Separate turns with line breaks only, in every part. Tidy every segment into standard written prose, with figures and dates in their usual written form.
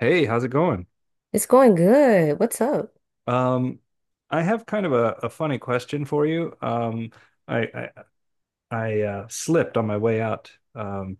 Hey, how's it going?
It's going good. What's up?
Um, I have kind of a funny question for you. I I, I slipped on my way out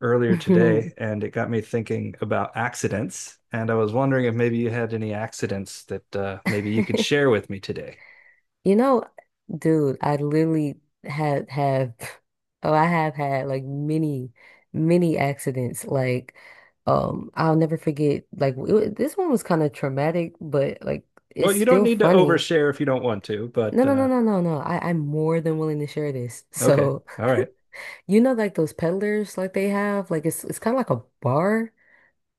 earlier today, and it got me thinking about accidents. And I was wondering if maybe you had any accidents that maybe you could share with me today.
You know, dude, I literally had have oh, I have had like many accidents. Like, I'll never forget. Like, this one was kind of traumatic, but like,
Well,
it's
you don't
still
need to
funny.
overshare if you don't want to, but
No, no, no, no, no, no. I'm more than willing to share this.
okay,
So,
all right.
you know, like those peddlers, like they have, like it's kind of like a bar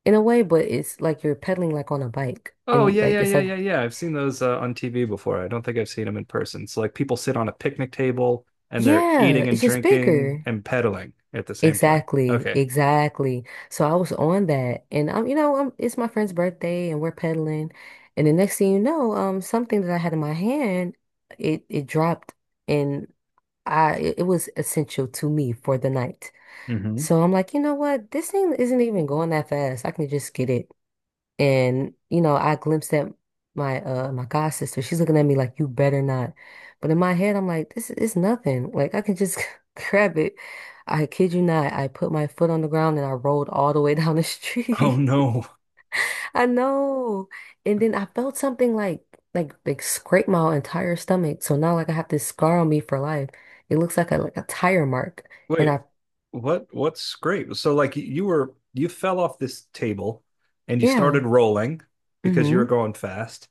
in a way, but it's like you're pedaling like on a bike,
Oh
and
yeah,
like
yeah,
it's
yeah,
like
yeah, yeah. I've seen those on TV before. I don't think I've seen them in person. So like people sit on a picnic table and they're
yeah,
eating and
it's just
drinking
bigger.
and pedaling at the same time.
Exactly,
Okay.
exactly. So I was on that, and I'm, you know, I it's my friend's birthday, and we're pedaling, and the next thing you know, something that I had in my hand, it dropped, and I it it was essential to me for the night.
Hmm.
So I'm like, you know what, this thing isn't even going that fast. I can just get it. And you know, I glimpsed at my my god sister. She's looking at me like, "You better not." But in my head, I'm like, "This is nothing. Like I can just grab it." I kid you not. I put my foot on the ground and I rolled all the way down the
Oh
street.
no.
I know. And then I felt something like like scrape my entire stomach. So now like I have this scar on me for life. It looks like a tire mark. And
Wait.
I
What scrape? So like you fell off this table and you started
yeah.
rolling because you were
Mm-hmm.
going fast.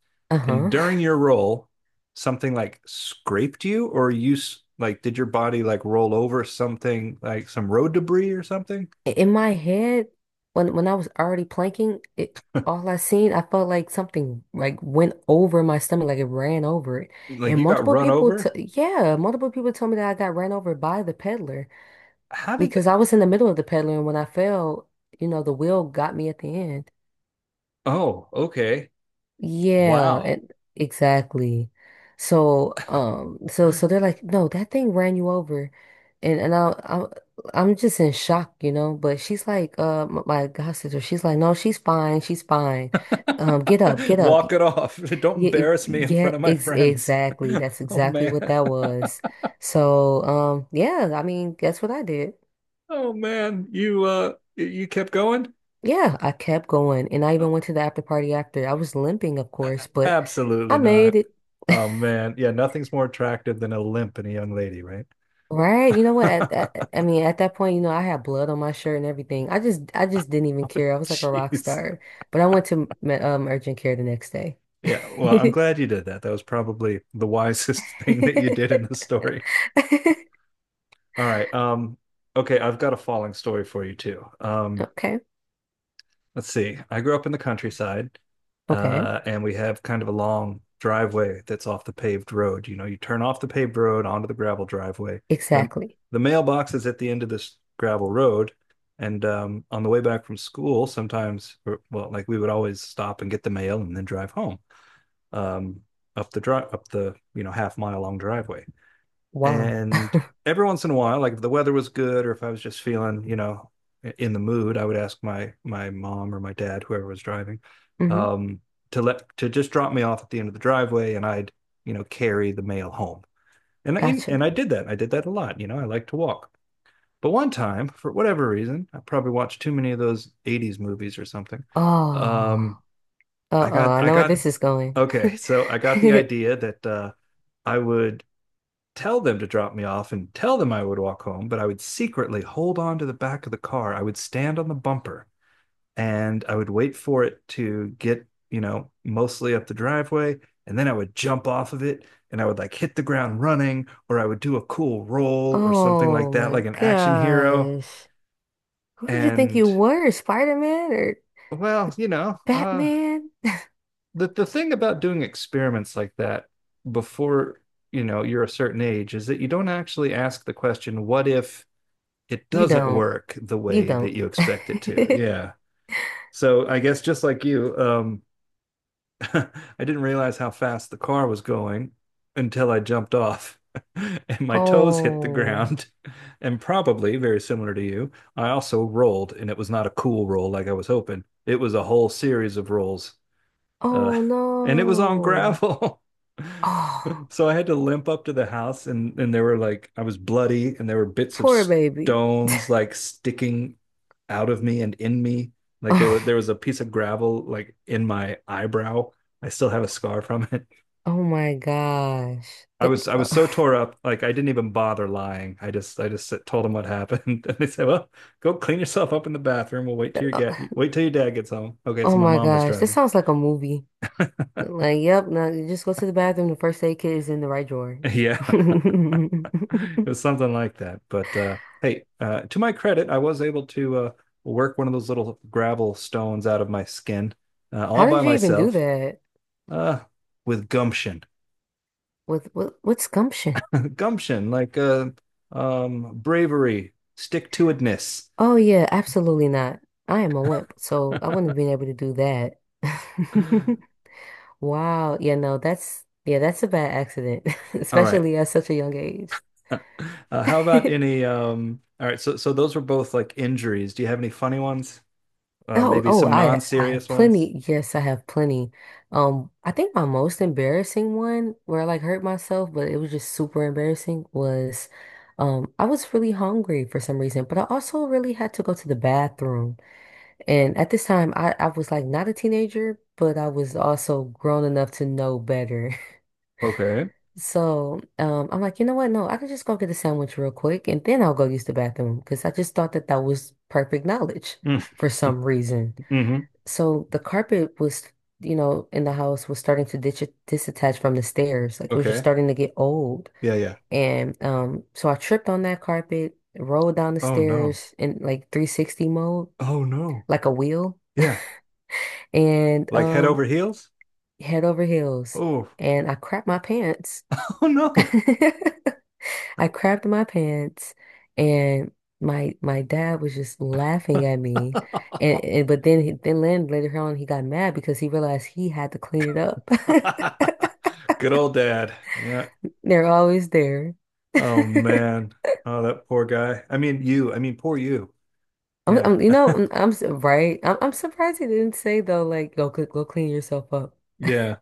And
Uh-huh.
during your roll, something like scraped you or like did your body like roll over something like some road debris or something?
In my head, when I was already planking, it all I seen, I felt like something like went over my stomach, like it ran over it.
Like
And
you got
multiple
run
people, t
over?
yeah, multiple people told me that I got ran over by the peddler
How did
because
that?
I was in the middle of the peddler, and when I fell, you know, the wheel got me at the end.
Oh, okay.
Yeah,
Wow.
it, exactly. So, so so they're like, no, that thing ran you over, and I'm just in shock, you know. But she's like, my god sister, she's like, no, she's fine, she's fine. Get up, get up.
Walk it off. Don't
Yeah,
embarrass me in
yeah,
front of my
ex
friends.
exactly. That's
Oh
exactly what
man.
that was. So, yeah, I mean, guess what I did?
Oh man. You you kept going?
Yeah, I kept going, and I
Uh,
even went to the after party after. I was limping, of course, but I
Absolutely
made
not.
it.
Oh man. Yeah, nothing's more attractive than a limp in a young lady, right?
Right. You know what? At that point, you know, I had blood on my shirt and everything. I just didn't even care. I was like a rock
Jeez.
star. But I went to urgent care the next day.
Yeah, well, I'm glad you did that. That was probably the wisest thing that you did in the story. All right. Okay, I've got a falling story for you too.
Okay.
Let's see. I grew up in the countryside,
Okay.
and we have kind of a long driveway that's off the paved road. You know, you turn off the paved road onto the gravel driveway. The
Exactly.
the mailbox is at the end of this gravel road, and on the way back from school, sometimes, or, well, like we would always stop and get the mail and then drive home, um, up the you know, half mile long driveway.
Wow.
And every once in a while, like if the weather was good or if I was just feeling, you know, in the mood, I would ask my mom or my dad, whoever was driving,
Hmm.
um, to let to just drop me off at the end of the driveway and I'd, you know, carry the mail home. And
Gotcha.
I did that. I did that a lot, you know, I like to walk. But one time, for whatever reason, I probably watched too many of those 80s movies or something. Um,
Oh. Uh-oh. I
I
know where
got
this is going.
okay, so I got the idea that I would tell them to drop me off and tell them I would walk home, but I would secretly hold on to the back of the car. I would stand on the bumper and I would wait for it to get, you know, mostly up the driveway. And then I would jump off of it and I would like hit the ground running, or I would do a cool roll or something like
Oh
that,
my
like an action hero.
gosh. Who did you think you
And
were? Spider-Man or
well, you know,
Batman?
the thing about doing experiments like that before, you know, you're a certain age is that you don't actually ask the question, what if it
You
doesn't
don't.
work the
You
way that
don't.
you expect it to. Yeah. So I guess just like you, I didn't realize how fast the car was going until I jumped off and my toes hit the
Oh,
ground. And probably very similar to you, I also rolled and it was not a cool roll like I was hoping. It was a whole series of rolls, uh,
oh
and it was on
no.
gravel.
Oh,
So I had to limp up to the house, and there were, like, I was bloody, and there were bits of
poor baby.
stones like sticking out of me and in me. Like there were
Oh,
there was a piece of gravel like in my eyebrow. I still have a scar from it.
oh my gosh.
I
That,
was I was so tore up, like I didn't even bother lying. I just told them what happened, and they said, "Well, go clean yourself up in the bathroom. We'll wait till your dad gets home." Okay, so
oh
my
my
mom was
gosh. This
driving.
sounds like a movie. Like, yep, now you just go to the bathroom. The first aid kit is in the right drawer.
Yeah, it was something like that. To my credit, I was able to work one of those little gravel stones out of my skin, all
How
by
did you even do
myself,
that?
uh, with gumption.
With what gumption?
Gumption, like, bravery, stick-to-itiveness.
Oh yeah, absolutely not. I am a wimp, so I wouldn't have been able to do that. Wow. Yeah, no, that's a bad accident,
All right.
especially at such a young age.
Uh, how about any? All right. So those were both like injuries. Do you have any funny ones? Maybe some
I have
non-serious ones?
plenty. Yes, I have plenty. I think my most embarrassing one where I like hurt myself, but it was just super embarrassing was I was really hungry for some reason, but I also really had to go to the bathroom. And at this time I was like not a teenager, but I was also grown enough to know better.
Okay.
So I'm like, you know what? No, I can just go get a sandwich real quick and then I'll go use the bathroom because I just thought that was perfect knowledge
Mm,
for some reason.
hmm
So the carpet was, you know, in the house was starting to ditch disattach from the stairs. Like it was just
Okay.
starting to get old.
Yeah, yeah.
And so I tripped on that carpet, rolled down the
Oh no.
stairs in like 360 mode,
Oh no.
like a wheel,
Yeah.
and
Like head over heels?
head over heels.
Oh,
And I crapped my pants.
oh no.
I crapped my pants and my dad was just laughing at me. And but then he, then Len later on he got mad because he realized he had to clean it up.
Good old dad. Yeah.
They're always there.
Oh man. Oh, that poor guy. I mean you. I mean poor you. Yeah.
I'm you know I'm su- Right. I'm surprised he didn't say though like go clean yourself up.
Yeah.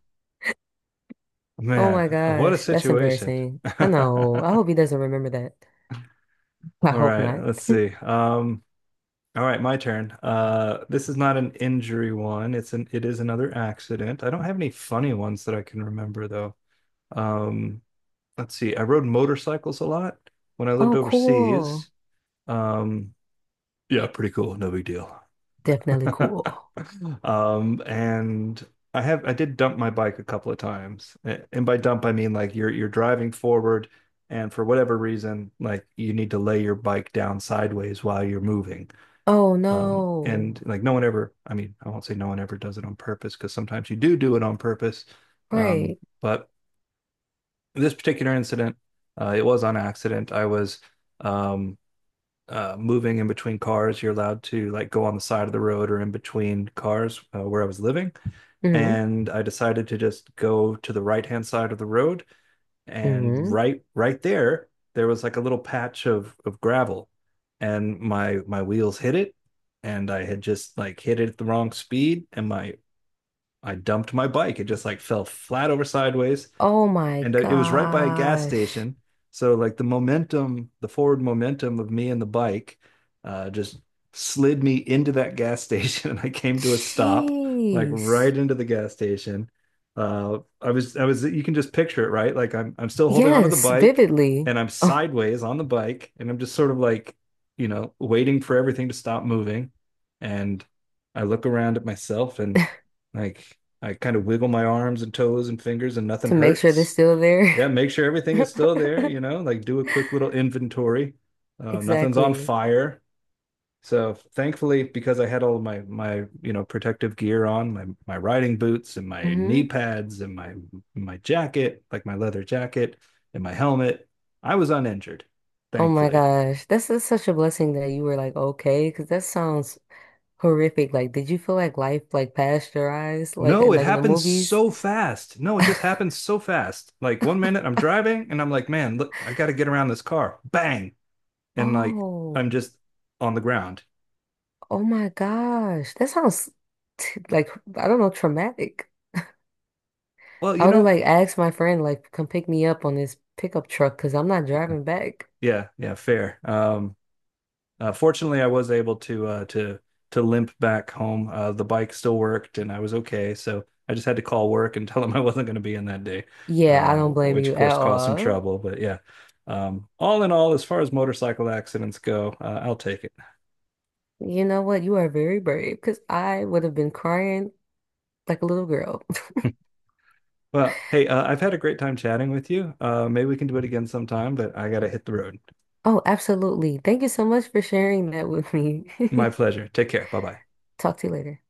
Oh my
Man, what a
gosh, that's
situation.
embarrassing.
All
I know. I hope he doesn't remember that. I hope
right,
not.
let's see. All right, my turn. This is not an injury one. It is another accident. I don't have any funny ones that I can remember though. Um, let's see, I rode motorcycles a lot when I lived
Oh, cool.
overseas. Um, yeah, pretty cool, no big deal.
Definitely cool.
And I have I did dump my bike a couple of times. And by dump I mean like you're driving forward and for whatever reason, like you need to lay your bike down sideways while you're moving.
Oh no.
And like no one ever, I mean, I won't say no one ever does it on purpose because sometimes you do do it on purpose. Um,
Right.
but this particular incident, it was on accident. I was, um, moving in between cars. You're allowed to like go on the side of the road or in between cars where I was living.
Mm-hmm.
And I decided to just go to the right hand side of the road. And
Hmm.
right there, there was like a little patch of gravel, and my wheels hit it, and I had just like hit it at the wrong speed, and my I dumped my bike. It just like fell flat over sideways
Oh my
and, it was right by a gas
gosh.
station. So like the momentum, the forward momentum of me and the bike, just slid me into that gas station, and I came to a stop, like
Jeez.
right into the gas station. I was, you can just picture it, right? Like I'm still holding onto the
Yes,
bike,
vividly.
and I'm
Oh,
sideways on the bike, and I'm just sort of like, you know, waiting for everything to stop moving, and I look around at myself and like, I kind of wiggle my arms and toes and fingers and nothing
to make sure they're
hurts.
still there.
Yeah, make sure everything is still there, you know, like do a quick little inventory. Nothing's on
Exactly.
fire. So thankfully, because I had all of my my you know, protective gear on, my riding boots and my knee
Hmm.
pads and my jacket, like my leather jacket and my helmet, I was uninjured,
Oh my
thankfully.
gosh. That's just such a blessing that you were like, okay, because that sounds horrific. Like, did you feel like life like past your eyes,
No, it
like in the
happened
movies?
so fast. No, it just happened so fast. Like one minute I'm driving and I'm like, man, look, I got to get around this car. Bang. And like
Oh,
I'm just on the ground.
oh my gosh. That sounds t like I don't know, traumatic.
Well,
I
you
would have
know,
like asked my friend like come pick me up on this pickup truck because I'm not driving back.
yeah, yeah, fair. Fortunately, I was able to, to limp back home. The bike still worked, and I was okay. So I just had to call work and tell them I wasn't going to be in that day,
Yeah, I don't blame
which of
you
course
at
caused some
all.
trouble. But yeah, all in all, as far as motorcycle accidents go, I'll take it.
You know what? You are very brave because I would have been crying like a little girl.
Well, hey, I've had a great time chatting with you. Maybe we can do it again sometime, but I got to hit the road.
Oh, absolutely. Thank you so much for sharing that with me.
My pleasure. Take care. Bye bye.
Talk to you later.